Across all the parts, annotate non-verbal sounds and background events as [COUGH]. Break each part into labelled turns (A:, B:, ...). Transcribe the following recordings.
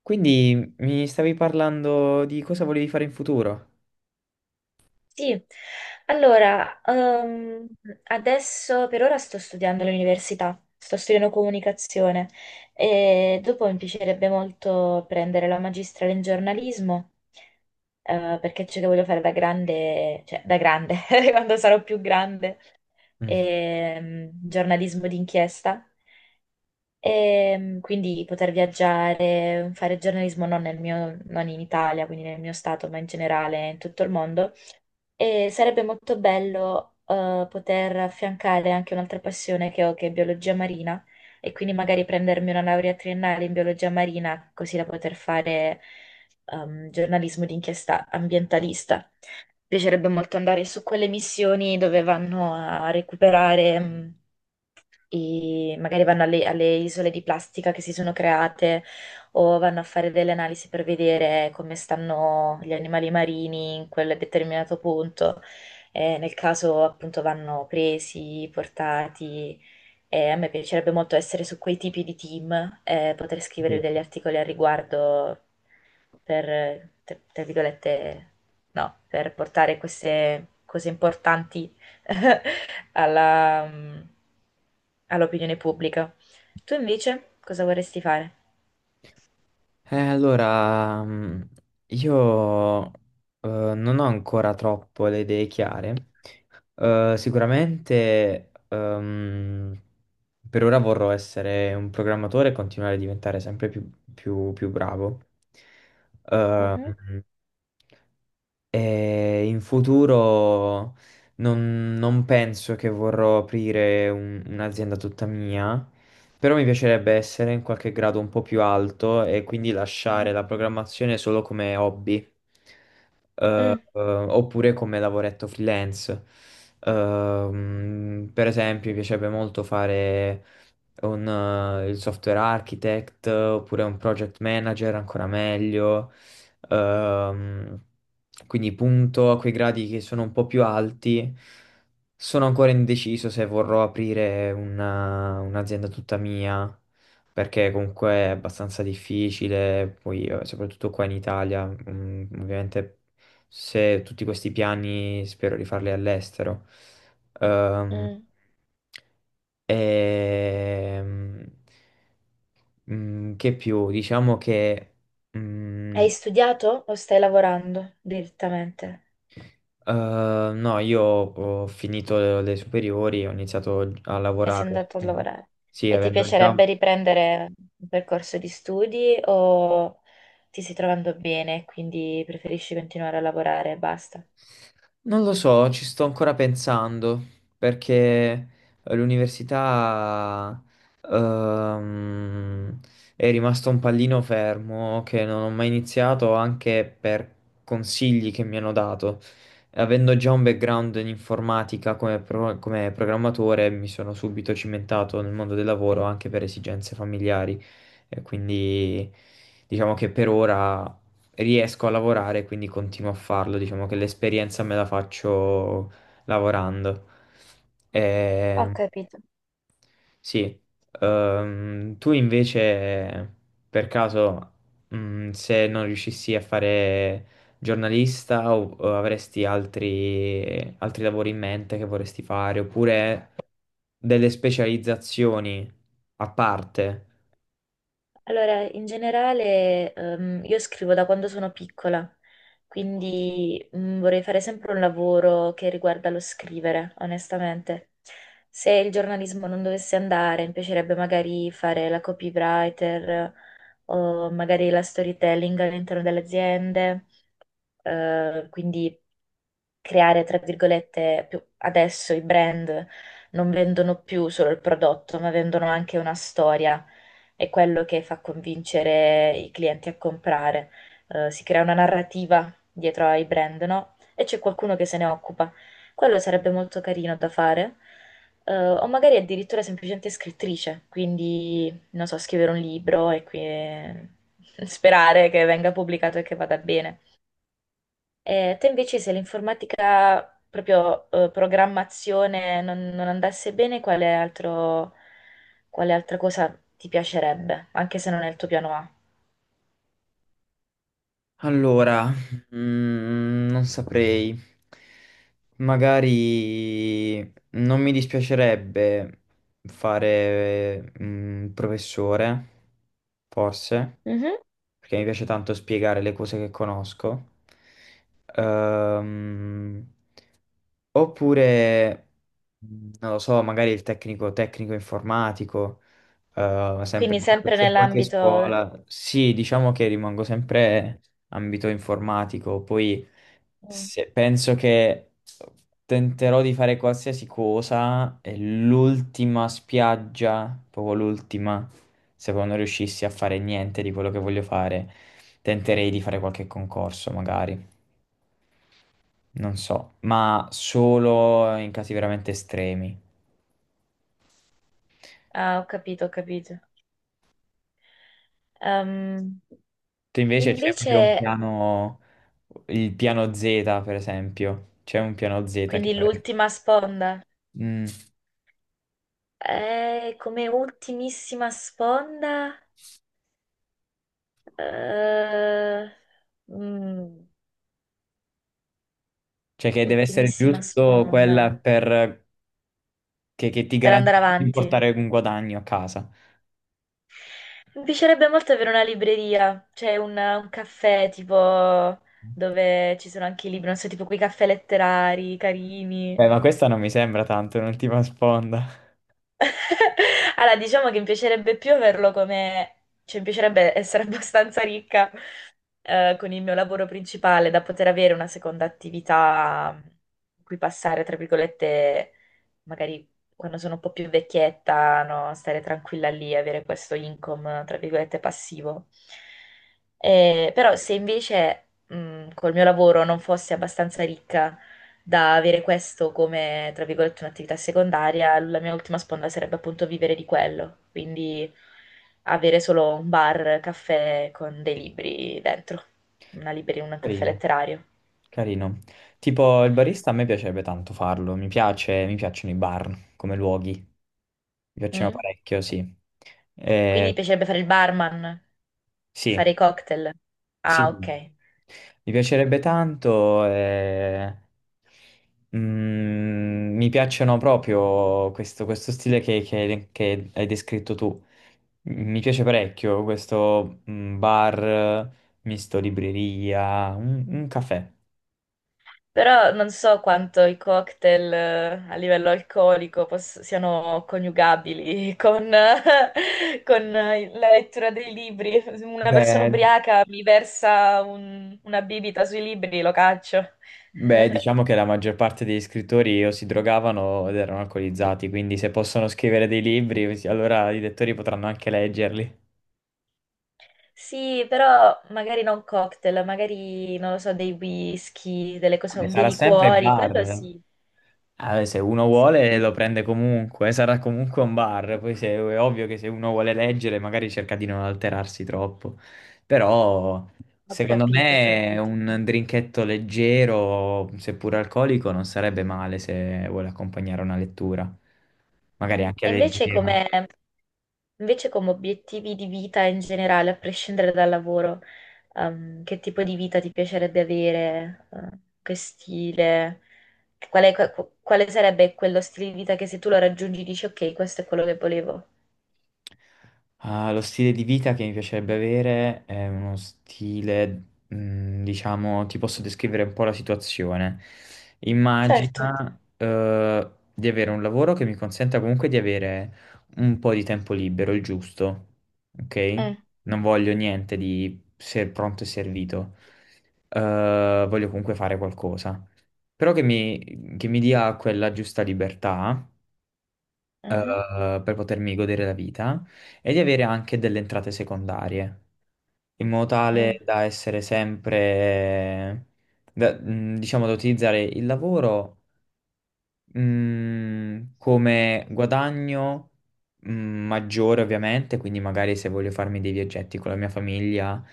A: Quindi mi stavi parlando di cosa volevi fare in futuro?
B: Sì, allora, adesso per ora sto studiando all'università, sto studiando comunicazione e dopo mi piacerebbe molto prendere la magistrale in giornalismo, perché c'è che voglio fare da grande, cioè da grande, [LAUGHS] quando sarò più grande,
A: Mm,
B: giornalismo d'inchiesta, e quindi poter viaggiare, fare giornalismo non nel mio, non in Italia, quindi nel mio stato, ma in generale in tutto il mondo e sarebbe molto bello poter affiancare anche un'altra passione che ho, che è biologia marina, e quindi magari prendermi una laurea triennale in biologia marina, così da poter fare giornalismo d'inchiesta ambientalista piacerebbe molto andare su quelle missioni dove vanno a recuperare, magari vanno alle isole di plastica che si sono create o vanno a fare delle analisi per vedere come stanno gli animali marini in quel determinato punto. Nel caso appunto vanno presi, portati e a me piacerebbe molto essere su quei tipi di team e poter scrivere
A: sì.
B: degli articoli al riguardo per, tra virgolette, no, per portare queste cose importanti [LAUGHS] alla, mm, all'opinione pubblica. Tu invece cosa vorresti fare?
A: Eh, allora, mm, io non ho ancora troppo le idee chiare. Sicuramente per ora vorrò essere un programmatore e continuare a diventare sempre più bravo.
B: Mhm.
A: Ehm, E in futuro, non penso che vorrò aprire un'azienda tutta mia, però mi piacerebbe essere in qualche grado un po' più alto e quindi lasciare la programmazione solo come hobby,
B: Mm.
A: oppure come lavoretto freelance. Per esempio, mi piacerebbe molto fare un, il software architect oppure un project manager, ancora meglio. Ehm, quindi punto a quei gradi che sono un po' più alti. Sono ancora indeciso se vorrò aprire un'azienda tutta mia, perché comunque è abbastanza difficile, poi soprattutto qua in Italia, mm, ovviamente se tutti questi piani spero di farli all'estero. Ehm,
B: Mm.
A: ehm, che più? Diciamo che... Mm,
B: Hai studiato o stai lavorando direttamente?
A: eh, no, io ho finito le superiori, ho iniziato a
B: E sei
A: lavorare.
B: andato a
A: No.
B: lavorare.
A: Sì,
B: E ti
A: avendo già...
B: piacerebbe riprendere un percorso di studi o ti stai trovando bene e quindi preferisci continuare a lavorare e basta?
A: Non lo so, ci sto ancora pensando perché l'università ehm, è rimasto un pallino fermo che non ho mai iniziato anche per consigli che mi hanno dato. Avendo già un background in informatica, come programmatore, mi sono subito cimentato nel mondo del lavoro anche per esigenze familiari e quindi diciamo che per ora riesco a lavorare, quindi continuo a farlo. Diciamo che l'esperienza me la faccio lavorando.
B: Ho
A: Eh,
B: capito.
A: sì. Tu invece, per caso, se non riuscissi a fare giornalista o avresti altri lavori in mente che vorresti fare, oppure delle specializzazioni a parte?
B: Allora, in generale, io scrivo da quando sono piccola, quindi mm, vorrei fare sempre un lavoro che riguarda lo scrivere, onestamente. Se il giornalismo non dovesse andare, mi piacerebbe magari fare la copywriter o magari la storytelling all'interno delle aziende. Eh, quindi creare, tra virgolette, adesso i brand non vendono più solo il prodotto, ma vendono anche una storia, è quello che fa convincere i clienti a comprare. Si crea una narrativa dietro ai brand, no? E c'è qualcuno che se ne occupa. Quello sarebbe molto carino da fare. O magari addirittura semplicemente scrittrice, quindi non so, scrivere un libro e [LAUGHS] sperare che venga pubblicato e che vada bene. Te invece se l'informatica, proprio programmazione, non andasse bene, quale altra cosa ti piacerebbe, anche se non è il tuo piano A?
A: Allora, non saprei. Magari non mi dispiacerebbe fare il professore, forse,
B: Mhm.
A: perché mi piace tanto spiegare le cose che conosco. Ehm, Oppure, non lo so, magari il tecnico informatico, sempre
B: Quindi sempre
A: se in qualche
B: nell'ambito...
A: scuola. Sì, diciamo che rimango sempre ambito informatico. Poi
B: Mm.
A: penso che tenterò di fare qualsiasi cosa e l'ultima spiaggia, proprio l'ultima, se poi non riuscissi a fare niente di quello che voglio fare, tenterei di fare qualche concorso, magari non so, ma solo in casi veramente estremi.
B: Ah, ho capito, ho capito. Ehm,
A: Tu invece c'è proprio un
B: invece,
A: piano, il piano Z, per esempio. C'è un piano Z che
B: quindi
A: avresti.
B: l'ultima sponda.
A: Mm.
B: Come ultimissima sponda... eh, mm,
A: Cioè che deve essere
B: ultimissima
A: giusto quella
B: sponda.
A: per... Che ti
B: Per andare
A: garantisce di
B: avanti.
A: portare un guadagno a casa.
B: Mi piacerebbe molto avere una libreria, cioè un caffè tipo dove ci sono anche i libri, non so, tipo quei caffè letterari carini.
A: Beh, ma questa non mi sembra tanto un'ultima sponda.
B: [LAUGHS] Allora, diciamo che mi piacerebbe più averlo come... cioè mi piacerebbe essere [LAUGHS] abbastanza ricca con il mio lavoro principale da poter avere una seconda attività in cui passare, tra virgolette, magari quando sono un po' più vecchietta, no? Stare tranquilla lì, avere questo income, tra virgolette, passivo. Però se invece, col mio lavoro non fossi abbastanza ricca, da avere questo come, tra virgolette, un'attività secondaria, la mia ultima sponda sarebbe appunto vivere di quello, quindi avere solo un bar, caffè con dei libri dentro, una libreria, un caffè
A: Carino.
B: letterario.
A: Carino. Tipo il barista a me piacerebbe tanto farlo, mi piace, mi piacciono i bar come luoghi, mi piacciono
B: Mm?
A: parecchio, sì.
B: Quindi
A: Eh,
B: mi piacerebbe fare il barman,
A: sì,
B: fare i cocktail.
A: sì,
B: Ah,
A: sì,
B: ok.
A: mi piacerebbe tanto, mi piacciono proprio questo, questo stile che hai descritto tu. Mi piace parecchio questo bar misto libreria, un caffè.
B: Però non so quanto i cocktail a livello alcolico siano coniugabili [LAUGHS] con, la lettura dei libri. Se una persona
A: Beh,
B: ubriaca mi versa una bibita sui libri, lo caccio.
A: Beh, diciamo che la maggior parte degli scrittori o si drogavano o erano alcolizzati, quindi se possono scrivere dei libri, allora i lettori potranno anche leggerli.
B: Sì, però magari non cocktail, magari non lo so, dei whisky, delle cose,
A: E
B: dei
A: sarà sempre
B: liquori, quello
A: bar.
B: sì.
A: Ah, se uno
B: Sì,
A: vuole lo
B: sì.
A: prende comunque, sarà comunque un bar. Poi è ovvio che se uno vuole leggere magari cerca di non alterarsi troppo. Però
B: Ho
A: secondo
B: capito, ho
A: me
B: capito.
A: un drinketto leggero, seppur alcolico, non sarebbe male se vuole accompagnare una lettura. Magari
B: Mm.
A: anche leggero.
B: Invece come obiettivi di vita in generale, a prescindere dal lavoro? Che tipo di vita ti piacerebbe avere, che stile, quale sarebbe quello stile di vita che se tu lo raggiungi dici ok, questo è quello che volevo.
A: Ah, lo stile di vita che mi piacerebbe avere è uno stile, diciamo, ti posso descrivere un po' la situazione.
B: Certo.
A: Immagina, di avere un lavoro che mi consenta comunque di avere un po' di tempo libero, il giusto, ok?
B: Mm,
A: Non voglio niente di ser pronto e servito. Voglio comunque fare qualcosa, però che mi dia quella giusta libertà
B: mhm,
A: per potermi godere la vita e di avere anche delle entrate secondarie, in modo tale
B: mm.
A: da essere sempre, diciamo, da utilizzare il lavoro. Mm, come guadagno maggiore ovviamente, quindi magari se voglio farmi dei viaggetti con la mia famiglia,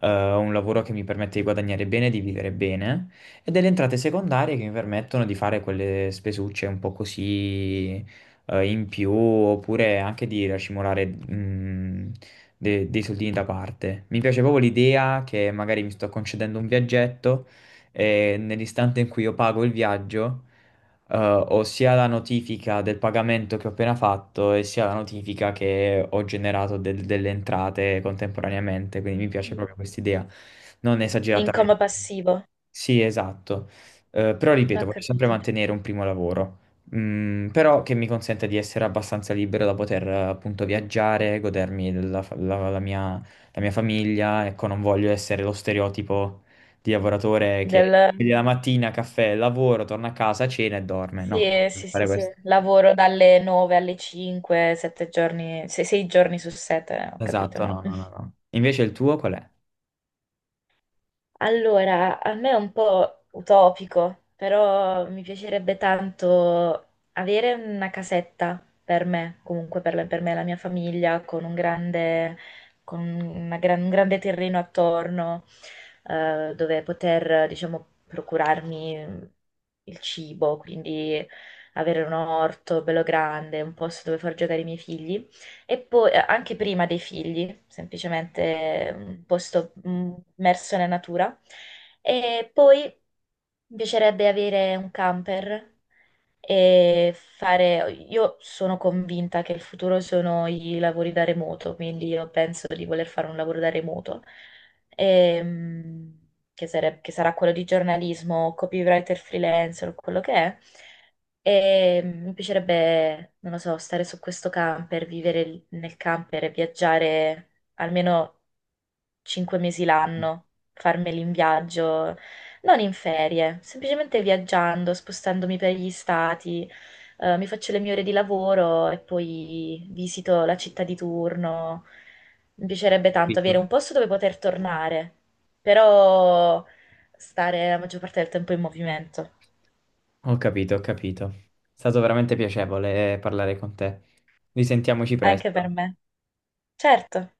A: eh, un lavoro che mi permette di guadagnare bene, di vivere bene, e delle entrate secondarie che mi permettono di fare quelle spesucce un po' così in più, oppure anche di racimolare dei soldini da parte. Mi piace proprio l'idea che magari mi sto concedendo un viaggetto e nell'istante in cui io pago il viaggio ho sia la notifica del pagamento che ho appena fatto e sia la notifica che ho generato delle entrate contemporaneamente, quindi mi piace
B: Mm.
A: proprio questa idea, non
B: In
A: esageratamente.
B: coma passivo,
A: Sì, esatto. Però
B: ho
A: ripeto, voglio sempre
B: capito.
A: mantenere un primo lavoro, mm, però che mi consente di essere abbastanza libero da poter appunto viaggiare, godermi la mia famiglia, ecco, non voglio essere lo stereotipo di lavoratore
B: Del...
A: che quindi la mattina, caffè, lavoro, torna a casa, cena e dorme. No, non
B: Sì,
A: devi
B: sì, sì,
A: fare
B: sì.
A: questo.
B: Lavoro dalle 9 alle 5, 7 giorni, 6 giorni su 7, ho capito,
A: Esatto, no,
B: no.
A: no, no, no. Invece il tuo qual è?
B: Allora, a me è un po' utopico, però mi piacerebbe tanto avere una casetta per me, comunque per, per me e la mia famiglia, con un grande, con una un grande terreno attorno, dove poter, diciamo, procurarmi il cibo, quindi avere un orto bello grande, un posto dove far giocare i miei figli. E poi anche prima dei figli, semplicemente un posto mm, immerso nella natura. E poi mi piacerebbe avere un camper e fare... Io sono convinta che il futuro sono i lavori da remoto, quindi io penso di voler fare un lavoro da remoto, ehm, che sarà quello di giornalismo, copywriter freelancer o quello che è. E mi piacerebbe, non lo so, stare su questo camper, vivere nel camper e viaggiare almeno 5 mesi l'anno, farmeli in viaggio, non in ferie, semplicemente viaggiando, spostandomi per gli stati, mi faccio le mie ore di lavoro e poi visito la città di turno. Mi piacerebbe tanto avere
A: Capito?
B: un posto dove poter tornare, però stare la maggior parte del tempo in movimento,
A: Ho capito, ho capito. È stato veramente piacevole parlare con te. Risentiamoci
B: anche per
A: presto.
B: me. Certo.